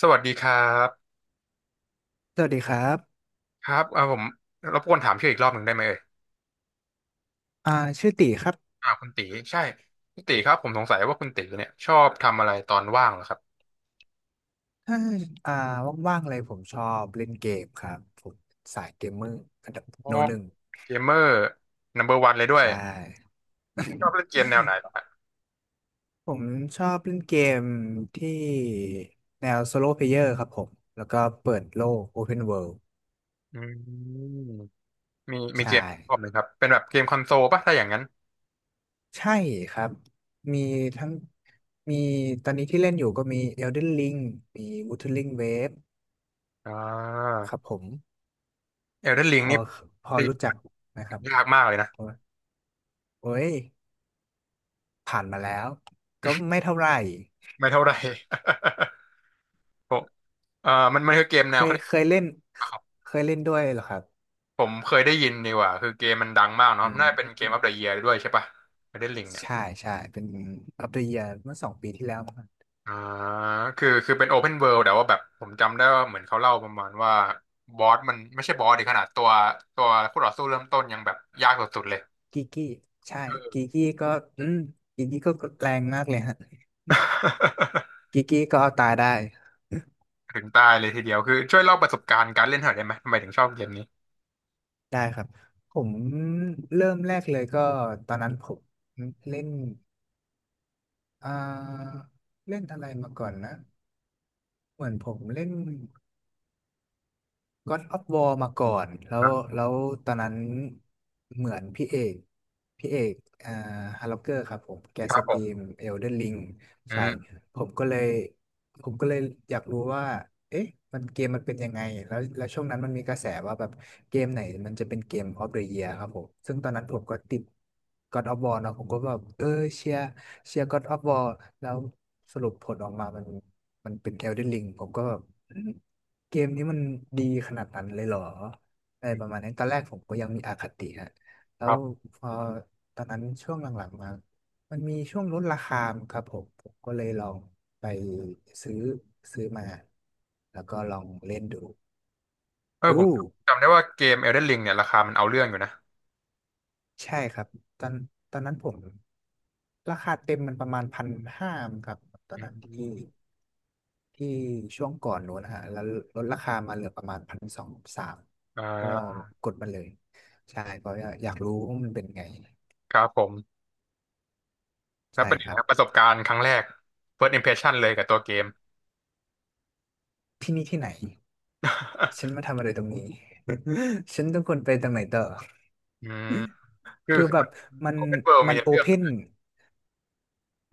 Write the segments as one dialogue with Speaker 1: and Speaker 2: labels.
Speaker 1: สวัสดีครับ
Speaker 2: สวัสดีครับ
Speaker 1: ครับเอ่าผมรบกวนถามชื่ออีกรอบหนึ่งได้ไหมเอ่ย
Speaker 2: อ่าชื่อตีครับ
Speaker 1: อ่าคุณตีใช่คุณตีครับผมสงสัยว่าคุณตีเนี่ยชอบทำอะไรตอนว่างเหรอครับ
Speaker 2: ถ้าอ่าว่างๆเลยผมชอบเล่นเกมครับผมสายเกมเมอร์อันดับ
Speaker 1: อ๋อ
Speaker 2: โนหนึ่ง
Speaker 1: เกมเมอร์นัมเบอร์วันเลยด้วย
Speaker 2: ใช่
Speaker 1: ชอบเล่นเก มแนวไหนเหรอครับ
Speaker 2: ผมชอบเล่นเกมที่แนวโซโล p เพลเยอร์ครับผมแล้วก็เปิดโลก Open World
Speaker 1: อืมมี
Speaker 2: ใช่
Speaker 1: เกมที่ชอบไหมครับเป็นแบบเกมคอนโซลป่ะถ้าอย่างนั้น
Speaker 2: ใช่ครับมีทั้งมีตอนนี้ที่เล่นอยู่ก็มี Elden Ring มี Wuthering Waves
Speaker 1: อ่า
Speaker 2: ครับผม
Speaker 1: เอลเดนริ
Speaker 2: พ
Speaker 1: ง
Speaker 2: อ
Speaker 1: นี่
Speaker 2: พอ
Speaker 1: ได้
Speaker 2: รู้จักนะครับ
Speaker 1: ยากมากเลยนะ
Speaker 2: โอ้ย ผ่านมาแล้วก็ไม่เท่าไหร่
Speaker 1: ไม่เท่าไหร่ ผมมันคือเกมแนวเขาเรียก
Speaker 2: เคยเล่นเคยเล่นด้วยเหรอครับ
Speaker 1: ผมเคยได้ยินดีกว่าคือเกมมันดังมากเนาะ
Speaker 2: อื
Speaker 1: น่าเป็นเกมอ
Speaker 2: ม
Speaker 1: อฟเดอะเยียร์ด้วยใช่ปะไอเดนลิงเนี่ย
Speaker 2: ใช่ใช่เป็น u ล the Year เมื่อ2 ปีที่แล้วมั้ง
Speaker 1: อ่าคือเป็นโอเพนเวิลด์แต่ว่าแบบผมจำได้ว่าเหมือนเขาเล่าประมาณว่าบอสมันไม่ใช่บอสดิขนาดตัวตัวผู้ต่อสู้เริ่มต้นยังแบบยากสุดๆเลย
Speaker 2: กีกี้ใช่กีกี้ก็อืมกีกี้ก็แรงมากเลยฮะกีกี้ก็เอาตายได้
Speaker 1: ถึงตายเลยทีเดียว คือช่วยเล่าประสบการณ์การเล่นหน่อยได้ไหมทำไมถึงชอบเกมนี้
Speaker 2: ได้ครับผมเริ่มแรกเลยก็ตอนนั้นผมเล่นอ่าเล่นอะไรมาก่อนนะเหมือนผมเล่น God of War มาก่อนแล้
Speaker 1: คร
Speaker 2: ว
Speaker 1: ับ
Speaker 2: แล้วตอนนั้นเหมือนพี่เอกอ่าฮาร์ล็อกเกอร์ครับผมแก
Speaker 1: ครั
Speaker 2: ส
Speaker 1: บผ
Speaker 2: ตรี
Speaker 1: ม
Speaker 2: ม Elden Ring
Speaker 1: อื
Speaker 2: ใช่
Speaker 1: ม
Speaker 2: ผมก็เลยผมก็เลยอยากรู้ว่าเอ๊ะมันเกมมันเป็นยังไงแล้วช่วงนั้นมันมีกระแสว่าแบบเกมไหนมันจะเป็นเกม of the year ครับผมซึ่งตอนนั้นผมก็ติด God of War เนอะผมก็แบบเออเชียร์เชียร์ God of War แล้วสรุปผลออกมามันเป็น Elden Ring ผมก็แบบ เกมนี้มันดีขนาดนั้นเลยเหรออะไรประมาณนั้นตอนแรกผมก็ยังมีอคติฮะแล้
Speaker 1: ครั
Speaker 2: ว
Speaker 1: บ
Speaker 2: พอตอนนั้นช่วงหลังๆมา มันมีช่วงลดราคาครับผม ผมก็เลยลองไปซื้อซื้อมา แล้วก็ลองเล่นดู
Speaker 1: เออผม
Speaker 2: อู้
Speaker 1: จำได้ว่าเกม Elden Ring เนี่ยราคามันเอาเรื่องอยู่นะ
Speaker 2: ใช่ครับตอนตอนนั้นผมราคาเต็มมันประมาณพันห้าครับตอน
Speaker 1: อื
Speaker 2: นั้นที่
Speaker 1: ม
Speaker 2: ที่ช่วงก่อนนู้นนะฮะแล้วลดราคามาเหลือประมาณพันสองสาม
Speaker 1: อ่
Speaker 2: เพื่อ
Speaker 1: า
Speaker 2: กดมันเลยใช่เพราะว่าอยากรู้ว่ามันเป็นไง
Speaker 1: ครับผม แล้ว
Speaker 2: ใช่
Speaker 1: เป็นไง
Speaker 2: ครั
Speaker 1: ค
Speaker 2: บ
Speaker 1: รับประสบการณ์ครั้งแรก first impression เลยกับตัวเกม
Speaker 2: ที่นี่ที่ไหนฉัน มาทำอะไรตรงนี้ ฉันต้องควรไปตรงไหนต่อ
Speaker 1: อืมคือ
Speaker 2: คือ
Speaker 1: คือ
Speaker 2: แบ
Speaker 1: มั
Speaker 2: บ
Speaker 1: น
Speaker 2: มัน
Speaker 1: open world
Speaker 2: มั
Speaker 1: มี
Speaker 2: น
Speaker 1: ใน
Speaker 2: โอ
Speaker 1: เรื่อ
Speaker 2: เพ
Speaker 1: ง
Speaker 2: น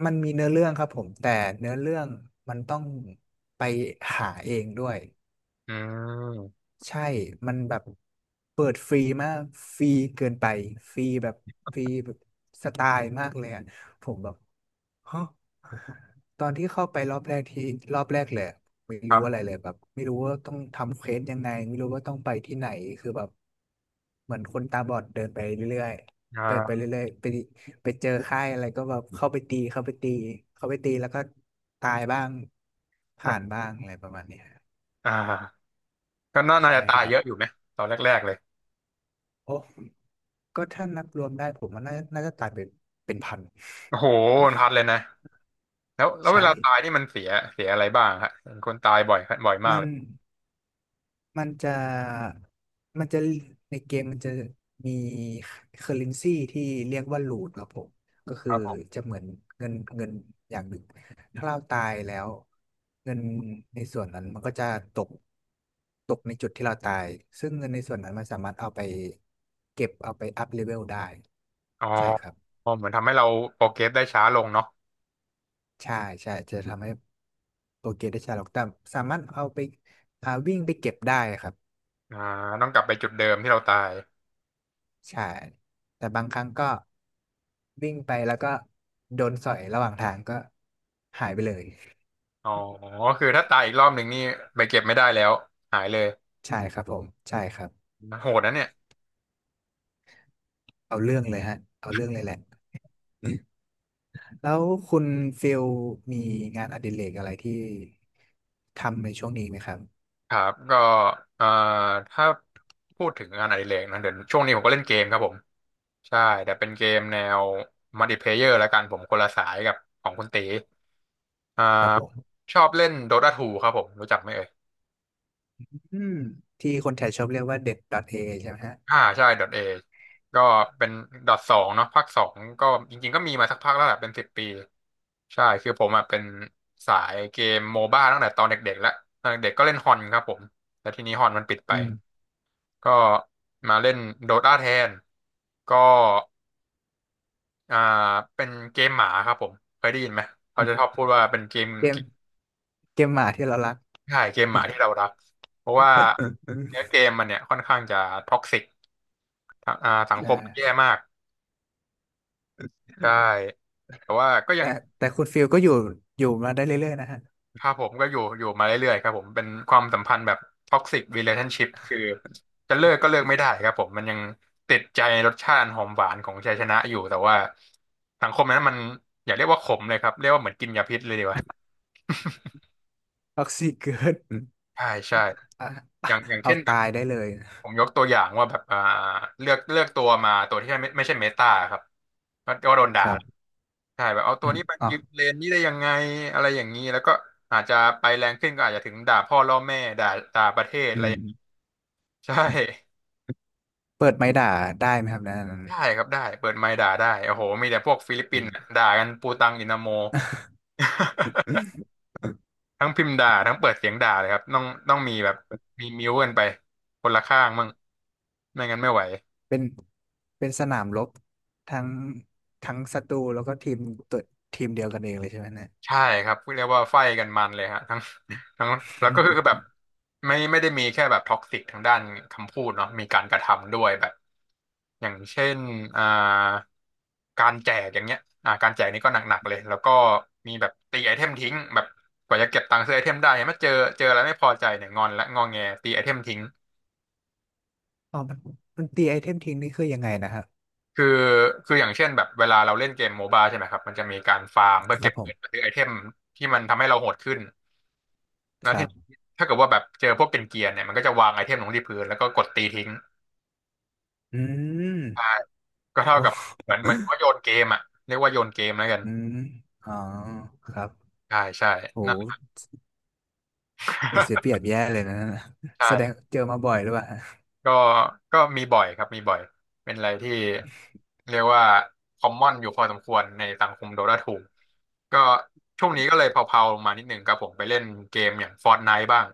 Speaker 2: มันมีเนื้อเรื่องครับผมแต่เนื้อเรื่องมันต้องไปหาเองด้วย
Speaker 1: อืม
Speaker 2: ใช่มันแบบเปิดฟรีมากฟรีเกินไปฟรีแบบฟรีแบบสไตล์มากเลยอะผมแบบ ฮะตอนที่เข้าไปรอบแรกรอบแรกเลยอะไม่
Speaker 1: ค
Speaker 2: รู้อะไร
Speaker 1: รับ
Speaker 2: เลยแบบไม่รู้ว่าต้องทำเควสยังไงไม่รู้ว่าต้องไปที่ไหนคือแบบเหมือนคนตาบอดเดินไปเรื่อยๆเดินไป
Speaker 1: อ่า
Speaker 2: เรื่อยๆไปไปเจอค่ายอะไรก็แบบเข้าไปตีแล้วก็ตายบ้างผ่านบ้างอะไรประมาณเนี้ย
Speaker 1: อ่าก็น่า
Speaker 2: ใช่
Speaker 1: จะ
Speaker 2: ค
Speaker 1: ตาย
Speaker 2: รั
Speaker 1: เย
Speaker 2: บ
Speaker 1: อะอยู่ไหมตอนแรกๆเลย
Speaker 2: โอ้ ก็ถ้านับรวมได้ผมว่าน่าจะตายเป็นเป็นพัน
Speaker 1: โอ้โหมันพัดเลยนะแล้วแล้ วเว
Speaker 2: ใช่
Speaker 1: ลาตายนี่มันเสียอะไรบ้างฮะเห็นคนตายบ่อยบ่อยมาก
Speaker 2: มั
Speaker 1: เล
Speaker 2: น
Speaker 1: ย
Speaker 2: มันจะมันจะในเกมมันจะมีเคอร์เรนซีที่เรียกว่าลูทครับผมก็
Speaker 1: ค
Speaker 2: คือ
Speaker 1: รับผม
Speaker 2: จะเหมือนเงินอย่างหนึ่งถ้าเราตายแล้วเงินในส่วนนั้นมันก็จะตกตกในจุดที่เราตายซึ่งเงินในส่วนนั้นมันสามารถเอาไปเก็บเอาไปอัพเลเวลได้
Speaker 1: อ๋อ
Speaker 2: ใช่ครับ
Speaker 1: อ๋อเหมือนทำให้เราโปรเกรสได้ช้าลงเนาะ
Speaker 2: ใช่ใช่จะทำให้โปรเกรสได้ช้าลงแต่สามารถเอาไปวิ่งไปเก็บได้ครับ
Speaker 1: อ่า ต้องกลับไปจุดเดิมที่เราตาย
Speaker 2: ใช่แต่บางครั้งก็วิ่งไปแล้วก็โดนสอยระหว่างทางก็หายไปเลย
Speaker 1: อ๋อคือถ้าตายอีกรอบหนึ่งนี่ไปเก็บไม่ได้แล้วหายเลย
Speaker 2: ใช่ครับผมใช่ครับ
Speaker 1: โหดนะเนี่ย
Speaker 2: เอาเรื่องเลยฮะเอาเรื่องเลยแหละแล้วคุณฟิลมีงานอดิเรกอะไรที่ทำในช่วงนี้ไหมครับ
Speaker 1: ครับก็เอ่อถ้าพูดถึงงานอดิเรกนะเดี๋ยวช่วงนี้ผมก็เล่นเกมครับผมใช่แต่เป็นเกมแนวมัลติเพลเยอร์แล้วกันผมคนละสายกับของคุณตีอ่า
Speaker 2: ครับผม
Speaker 1: ชอบเล่น Dota 2ครับผมรู้จักไหมเอ่ย
Speaker 2: อืมที่คนไทยชอบเรียกว่าเด็ด .a ใช่ไหมฮะ
Speaker 1: อ่าใช่ Dot A ก็เป็น Dot สองเนาะภาคสองก็จริงๆก็มีมาสักพักแล้วแหละเป็นสิบปีใช่คือผมอ่ะเป็นสายเกมโมบ้าตั้งแต่ตอนเด็กๆแล้วตอนเด็กๆก็เล่นฮอนครับผมแต่ทีนี้ฮอนมันปิดไป
Speaker 2: อืม
Speaker 1: ก็มาเล่นโดตาแทนก็อ่าเป็นเกมหมาครับผมเคยได้ยินไหมเขาจะชอบพูดว่าเป็นเกม
Speaker 2: เกมเกมหมาที่เรารัก
Speaker 1: ใช่เกมหมาที่เรารักเพราะว่าเนื้อเกมมันเนี่ยค่อนข้างจะท็อกซิกอ่าสังค
Speaker 2: ใช่
Speaker 1: มมันแย่มากใช่แต่ว่าก็ยั
Speaker 2: แต่
Speaker 1: ง
Speaker 2: แต่คุณฟิลก็อยู่อยู่มาได้เรื่อยๆนะฮะ
Speaker 1: ครับผมก็อยู่มาเรื่อยๆครับผมเป็นความสัมพันธ์แบบท็อกซิกรีเลชั่นชิพคือจะเลิกก็เลิกไม่ได้ครับผมมันยังติดใจรสชาติหอมหวานของชัยชนะอยู่แต่ว่าสังคมนั้นมันอย่าเรียกว่าขมเลยครับเรียกว่าเหมือนกินยาพิษเลยดีกว่า
Speaker 2: ท็อกซิเกิด
Speaker 1: ใช่ใช่
Speaker 2: อ่ะ
Speaker 1: อย่างอย่าง
Speaker 2: เอา
Speaker 1: เช่นแบ
Speaker 2: ตา
Speaker 1: บ
Speaker 2: ยได้เลย
Speaker 1: ผมยกตัวอย่างว่าแบบอ่าเลือกตัวมาตัวที่ไม่ใช่เมตาครับก็ก็โดน
Speaker 2: ค
Speaker 1: ด่า
Speaker 2: รับ
Speaker 1: ใช่แบบเอา
Speaker 2: อ
Speaker 1: ตัว
Speaker 2: ม
Speaker 1: นี้มา
Speaker 2: อ๋อ
Speaker 1: ยืนเลนนี้ได้ยังไงอะไรอย่างนี้แล้วก็อาจจะไปแรงขึ้นก็อาจจะถึงด่าพ่อล่อแม่ด่าด่าประเทศอะ
Speaker 2: อื
Speaker 1: ไร
Speaker 2: ม
Speaker 1: ใช่
Speaker 2: เปิดไม้ด่าได้ไหมครับนะนั้น
Speaker 1: ได้ครับได้เปิดไมค์ด่าได้โอ้โหมีแต่พวกฟิลิปปิ
Speaker 2: อื
Speaker 1: นส์อะ
Speaker 2: ม
Speaker 1: ด่ากันปูตังอินาโม ทั้งพิมพ์ด่าทั้งเปิดเสียงด่าเลยครับต้องมีแบบมีมิวกันไปคนละข้างมั่งไม่งั้นไม่ไหว
Speaker 2: เป็นเป็นสนามรบทั้งทั้งศัตรูแล้วก็ทีมตัวทีมเดียวกันเองเลยใช่ไหมเนี่ย
Speaker 1: ใช่ครับเรียกว่าไฟกันมันเลยฮะทั้ง ทั้งแล้วก็คือ แบบไม่ได้มีแค่แบบท็อกซิกทางด้านคำพูดเนาะมีการกระทำด้วยแบบอย่างเช่นอ่าการแจกอย่างเงี้ยอ่าการแจกนี่ก็หนักๆเลยแล้วก็มีแบบตีไอเทมทิ้งแบบกว่าจะเก็บตังค์ซื้อไอเทมได้เนี่ยมาเจออะไรไม่พอใจเนี่ยงอนและงอแงตีไอเทมทิ้ง
Speaker 2: อ๋อมันตีไอเทมทิ้งนี่คือยังไงนะครับ
Speaker 1: คือคืออย่างเช่นแบบเวลาเราเล่นเกมโมบ้าใช่ไหมครับมันจะมีการฟาร์มเพื่
Speaker 2: ค
Speaker 1: อเก็
Speaker 2: รับ
Speaker 1: บ
Speaker 2: ผ
Speaker 1: เงินมา
Speaker 2: ม
Speaker 1: ซื้อไอเทมที่มันทำให้เราโหดขึ้น แล้
Speaker 2: ค
Speaker 1: วที
Speaker 2: รับ
Speaker 1: นี้ถ้าเกิดว่าแบบเจอพวกเป็นเกียร์เนี่ยมันก็จะวางไอเทมลงที่พื้นแล้วก็กดตีทิ้ง
Speaker 2: อืม
Speaker 1: ใช่ก็เท่า
Speaker 2: โอ้
Speaker 1: กับเหมือนมันก็โยนเกมอ่ะเรียกว่าโยนเกมแล้วกัน
Speaker 2: อืมอ๋อครับ
Speaker 1: ใช่ใช่
Speaker 2: โห
Speaker 1: นั่น
Speaker 2: โอ้เสียเปรี ยบแย่เลยนะ
Speaker 1: ใช่
Speaker 2: แสดงเจอมาบ่อยหรือเปล่า
Speaker 1: ก็ก็มีบ่อยครับมีบ่อย เป็นอะไรที่เรียกว่าคอมมอนอยู่พอสมควรในสังคมโดดาทูก็ช่วงนี้ก็เลยเผาๆลงมานิดหนึ่งครับผมไปเล่นเกมอย่าง Fortnite บ้าง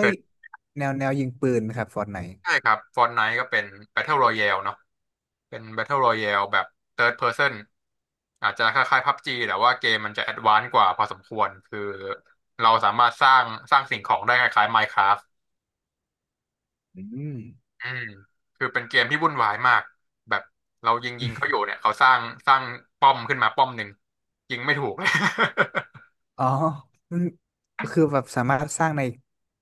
Speaker 1: เค
Speaker 2: ้ย
Speaker 1: ย
Speaker 2: แนวยิงปืนไหมครับฟอร์ตไนท์
Speaker 1: ใช่ครับ Fortnite ก็เป็น Battle Royale เนาะ เป็น Battle Royale แบบ Third Person อาจจะคล้ายๆ PUBG แต่ว่าเกมมันจะแอดวานซ์กว่าพอสมควรคือเราสามารถสร้างสร้างสิ่งของได้คล้ายๆ Minecraft
Speaker 2: อืม
Speaker 1: อืมคือเป็นเกมที่วุ่นวายมากแบบเรายิงเขาอยู่เนี่ยเขาสร้างสร้างป้อมขึ้นมาป้อมหนึ่งยิงไม่ถูกเลย
Speaker 2: อ๋อมันคือแบบสามารถสร้างใน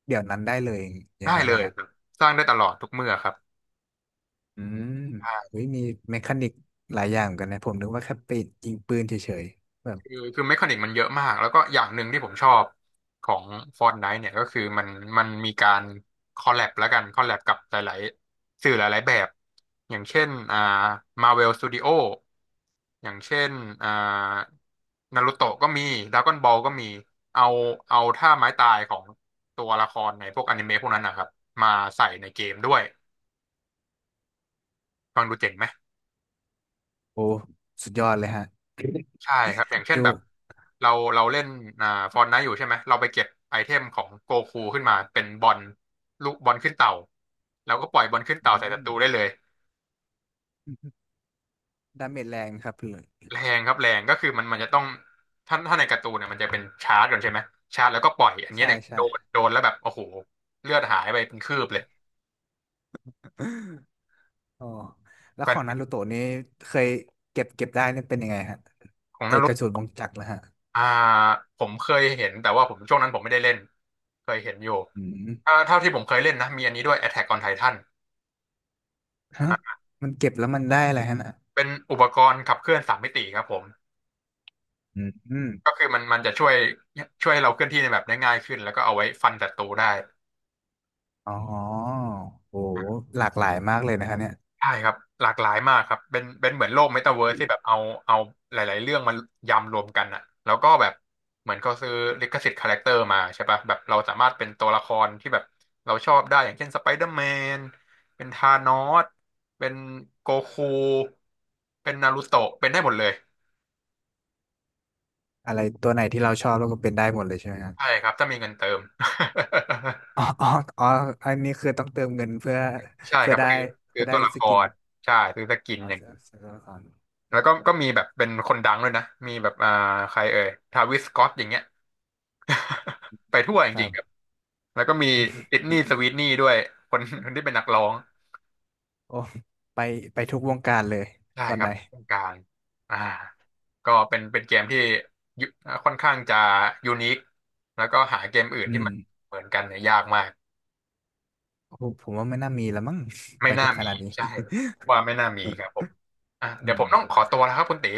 Speaker 2: เดี๋ยวนั้นได้เลยอย ่าง
Speaker 1: ได้
Speaker 2: นั้น
Speaker 1: เล
Speaker 2: แหละ
Speaker 1: ย
Speaker 2: ฮะ
Speaker 1: ครับสร้างได้ตลอดทุกเมื่อครับ
Speaker 2: อืมเฮ้ยมีเมคานิกหลายอย่างเหมือนกันนะผมนึกว่าแค่ไปยิงปืนเฉยๆแบบ
Speaker 1: คือเมคานิกมันเยอะมากแล้วก็อย่างหนึ่งที่ผมชอบของ Fortnite เนี่ยก็คือมันมีการคอลแลบแล้วกันคอลแลบกับหลายๆสื่อหลายๆแบบอย่างเช่นMarvel Studio อย่างเช่นอ่านารูโตะก็มีด r a ก้อนบอลก็มีเอาเอาท่าไม้ตายของตัวละครในพวกอนิเมะพวกนั้นนะครับมาใส่ในเกมด้วยฟังดูเจ๋งไหม
Speaker 2: โอ้สุดยอดเลยฮะ
Speaker 1: ใช่ครับอย่าง เช่น
Speaker 2: ดู
Speaker 1: แบบเราเล่นอ่าฟอนไนท์อยู่ใช่ไหมเราไปเก็บไอเทมของโกคูขึ้นมาเป็นบอลลูกบอลขึ้นเต่าแล้วก็ปล่อยบอลขึ้นเต่าใส่ศั
Speaker 2: อืม
Speaker 1: ตรูได้เลย
Speaker 2: ดาเมจแรงครับเลย
Speaker 1: แรงครับแรงก็คือมันมันจะต้องถ้าในการ์ตูนเนี่ยมันจะเป็นชาร์จก่อนใช่ไหมชาร์จแล้วก็ปล่อยอันนี้
Speaker 2: ใช่
Speaker 1: เนี่ยโด
Speaker 2: ใช่
Speaker 1: นโดนแล้วแบบโอ้โหเลือดหายไปเป็นคืบเลย
Speaker 2: อ๋อแล้
Speaker 1: แฟ
Speaker 2: วข
Speaker 1: น
Speaker 2: อง
Speaker 1: ฟิ
Speaker 2: นา
Speaker 1: ก
Speaker 2: รูโตะนี่เคยเก็บได้นี่เป็นยังไงฮะ
Speaker 1: ของ
Speaker 2: ไอ
Speaker 1: นา
Speaker 2: ก
Speaker 1: รุ
Speaker 2: ระสุนวงจักรล้วฮะ
Speaker 1: อ่าผมเคยเห็นแต่ว่าผมช่วงนั้นผมไม่ได้เล่นเคยเห็นอยู่
Speaker 2: อืม
Speaker 1: ถ้าเท่าที่ผมเคยเล่นนะมีอันนี้ด้วย Attack on Titan
Speaker 2: ฮะมันเก็บแล้วมันได้อะไรฮะน่ะ
Speaker 1: เป็นอุปกรณ์ขับเคลื่อนสามมิติครับผม
Speaker 2: อืมอม
Speaker 1: ก็คือมันจะช่วยช่วยให้เราเคลื่อนที่ในแบบได้ง่ายขึ้นแล้วก็เอาไว้ฟันศัตรูได้
Speaker 2: อ๋อโอ้หลากหลายมากเลยนะคะเนี่ย
Speaker 1: ใช่ครับหลากหลายมากครับเป็นเหมือนโลกเมตาเวิร์สที่แบบเอาหลายๆเรื่องมายำรวมกันอะแล้วก็แบบเหมือนเขาซื้อลิขสิทธิ์คาแรคเตอร์มาใช่ปะแบบเราสามารถเป็นตัวละครที่แบบเราชอบได้อย่างเช่นสไปเดอร์แมนเป็นธานอสเป็นโกคูเป็นนารูโตะเป็นได้หมดเลย
Speaker 2: อะไรตัวไหนที่เราชอบแล้วก็เป็นได้หมดเลยใช่ไหมครับ
Speaker 1: ใช่ครับถ้ามีเงินเติม
Speaker 2: อ๋ออ๋ออันนี้คือต้องเติมเงินเพื่อ
Speaker 1: ใช่
Speaker 2: เพื่
Speaker 1: ค
Speaker 2: อ
Speaker 1: รับ
Speaker 2: ได้
Speaker 1: ซื้อซื้
Speaker 2: เพื่
Speaker 1: อ
Speaker 2: อได้
Speaker 1: ตัวละ
Speaker 2: ส
Speaker 1: ค
Speaker 2: กิน
Speaker 1: รใช่ซื้อสกิน
Speaker 2: อ๋อ
Speaker 1: อย่างนี้
Speaker 2: เสื้อตัวละคร
Speaker 1: แล้วก็ก็มีแบบเป็นคนดังด้วยนะมีแบบใครเอ่ยทาวิสสก็อตอย่างเงี้ย ไปทั่วจ
Speaker 2: ครั
Speaker 1: ริงๆครับ
Speaker 2: บ
Speaker 1: แล้วก็มีดิสนีย์สวีทนี่ด้วยคนคนที่เป็นนักร้อง
Speaker 2: โอ้ไปไปทุกวงการเลย
Speaker 1: ใช่
Speaker 2: ตอน
Speaker 1: ค
Speaker 2: ไห
Speaker 1: รั
Speaker 2: น
Speaker 1: บเป็นคนกลางอ่าก็เป็นเกมที่ยุค่อนข้างจะยูนิคแล้วก็หาเกมอื่น
Speaker 2: อื
Speaker 1: ที่
Speaker 2: ม
Speaker 1: มันเหมือนกันเนี่ยยากมาก
Speaker 2: โอ้ผมว่าไม่น่ามีแล้วมั้ง
Speaker 1: ไม่
Speaker 2: ไป
Speaker 1: น่า
Speaker 2: ถึงข
Speaker 1: มี
Speaker 2: นาดนี้
Speaker 1: ใช่ว่าไม่น่ามีครับผมอ่ะ เดี๋
Speaker 2: อื
Speaker 1: ยวผ
Speaker 2: ม
Speaker 1: มต้องขอตัวแล้วครับคุณตี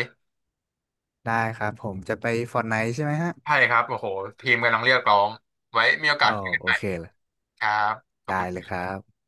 Speaker 2: ได้ครับผมจะไป Fortnite ใช่ไหมฮะ
Speaker 1: ใช่ครับ โอ้โหทีมกำลังเรียกร้องไว้มีโอกา
Speaker 2: อ๋
Speaker 1: ส
Speaker 2: อ
Speaker 1: คุยกัน
Speaker 2: โอ
Speaker 1: ใหม่
Speaker 2: เค
Speaker 1: ครับขอบ
Speaker 2: ได้
Speaker 1: คุ
Speaker 2: เลย
Speaker 1: ณ
Speaker 2: ครับ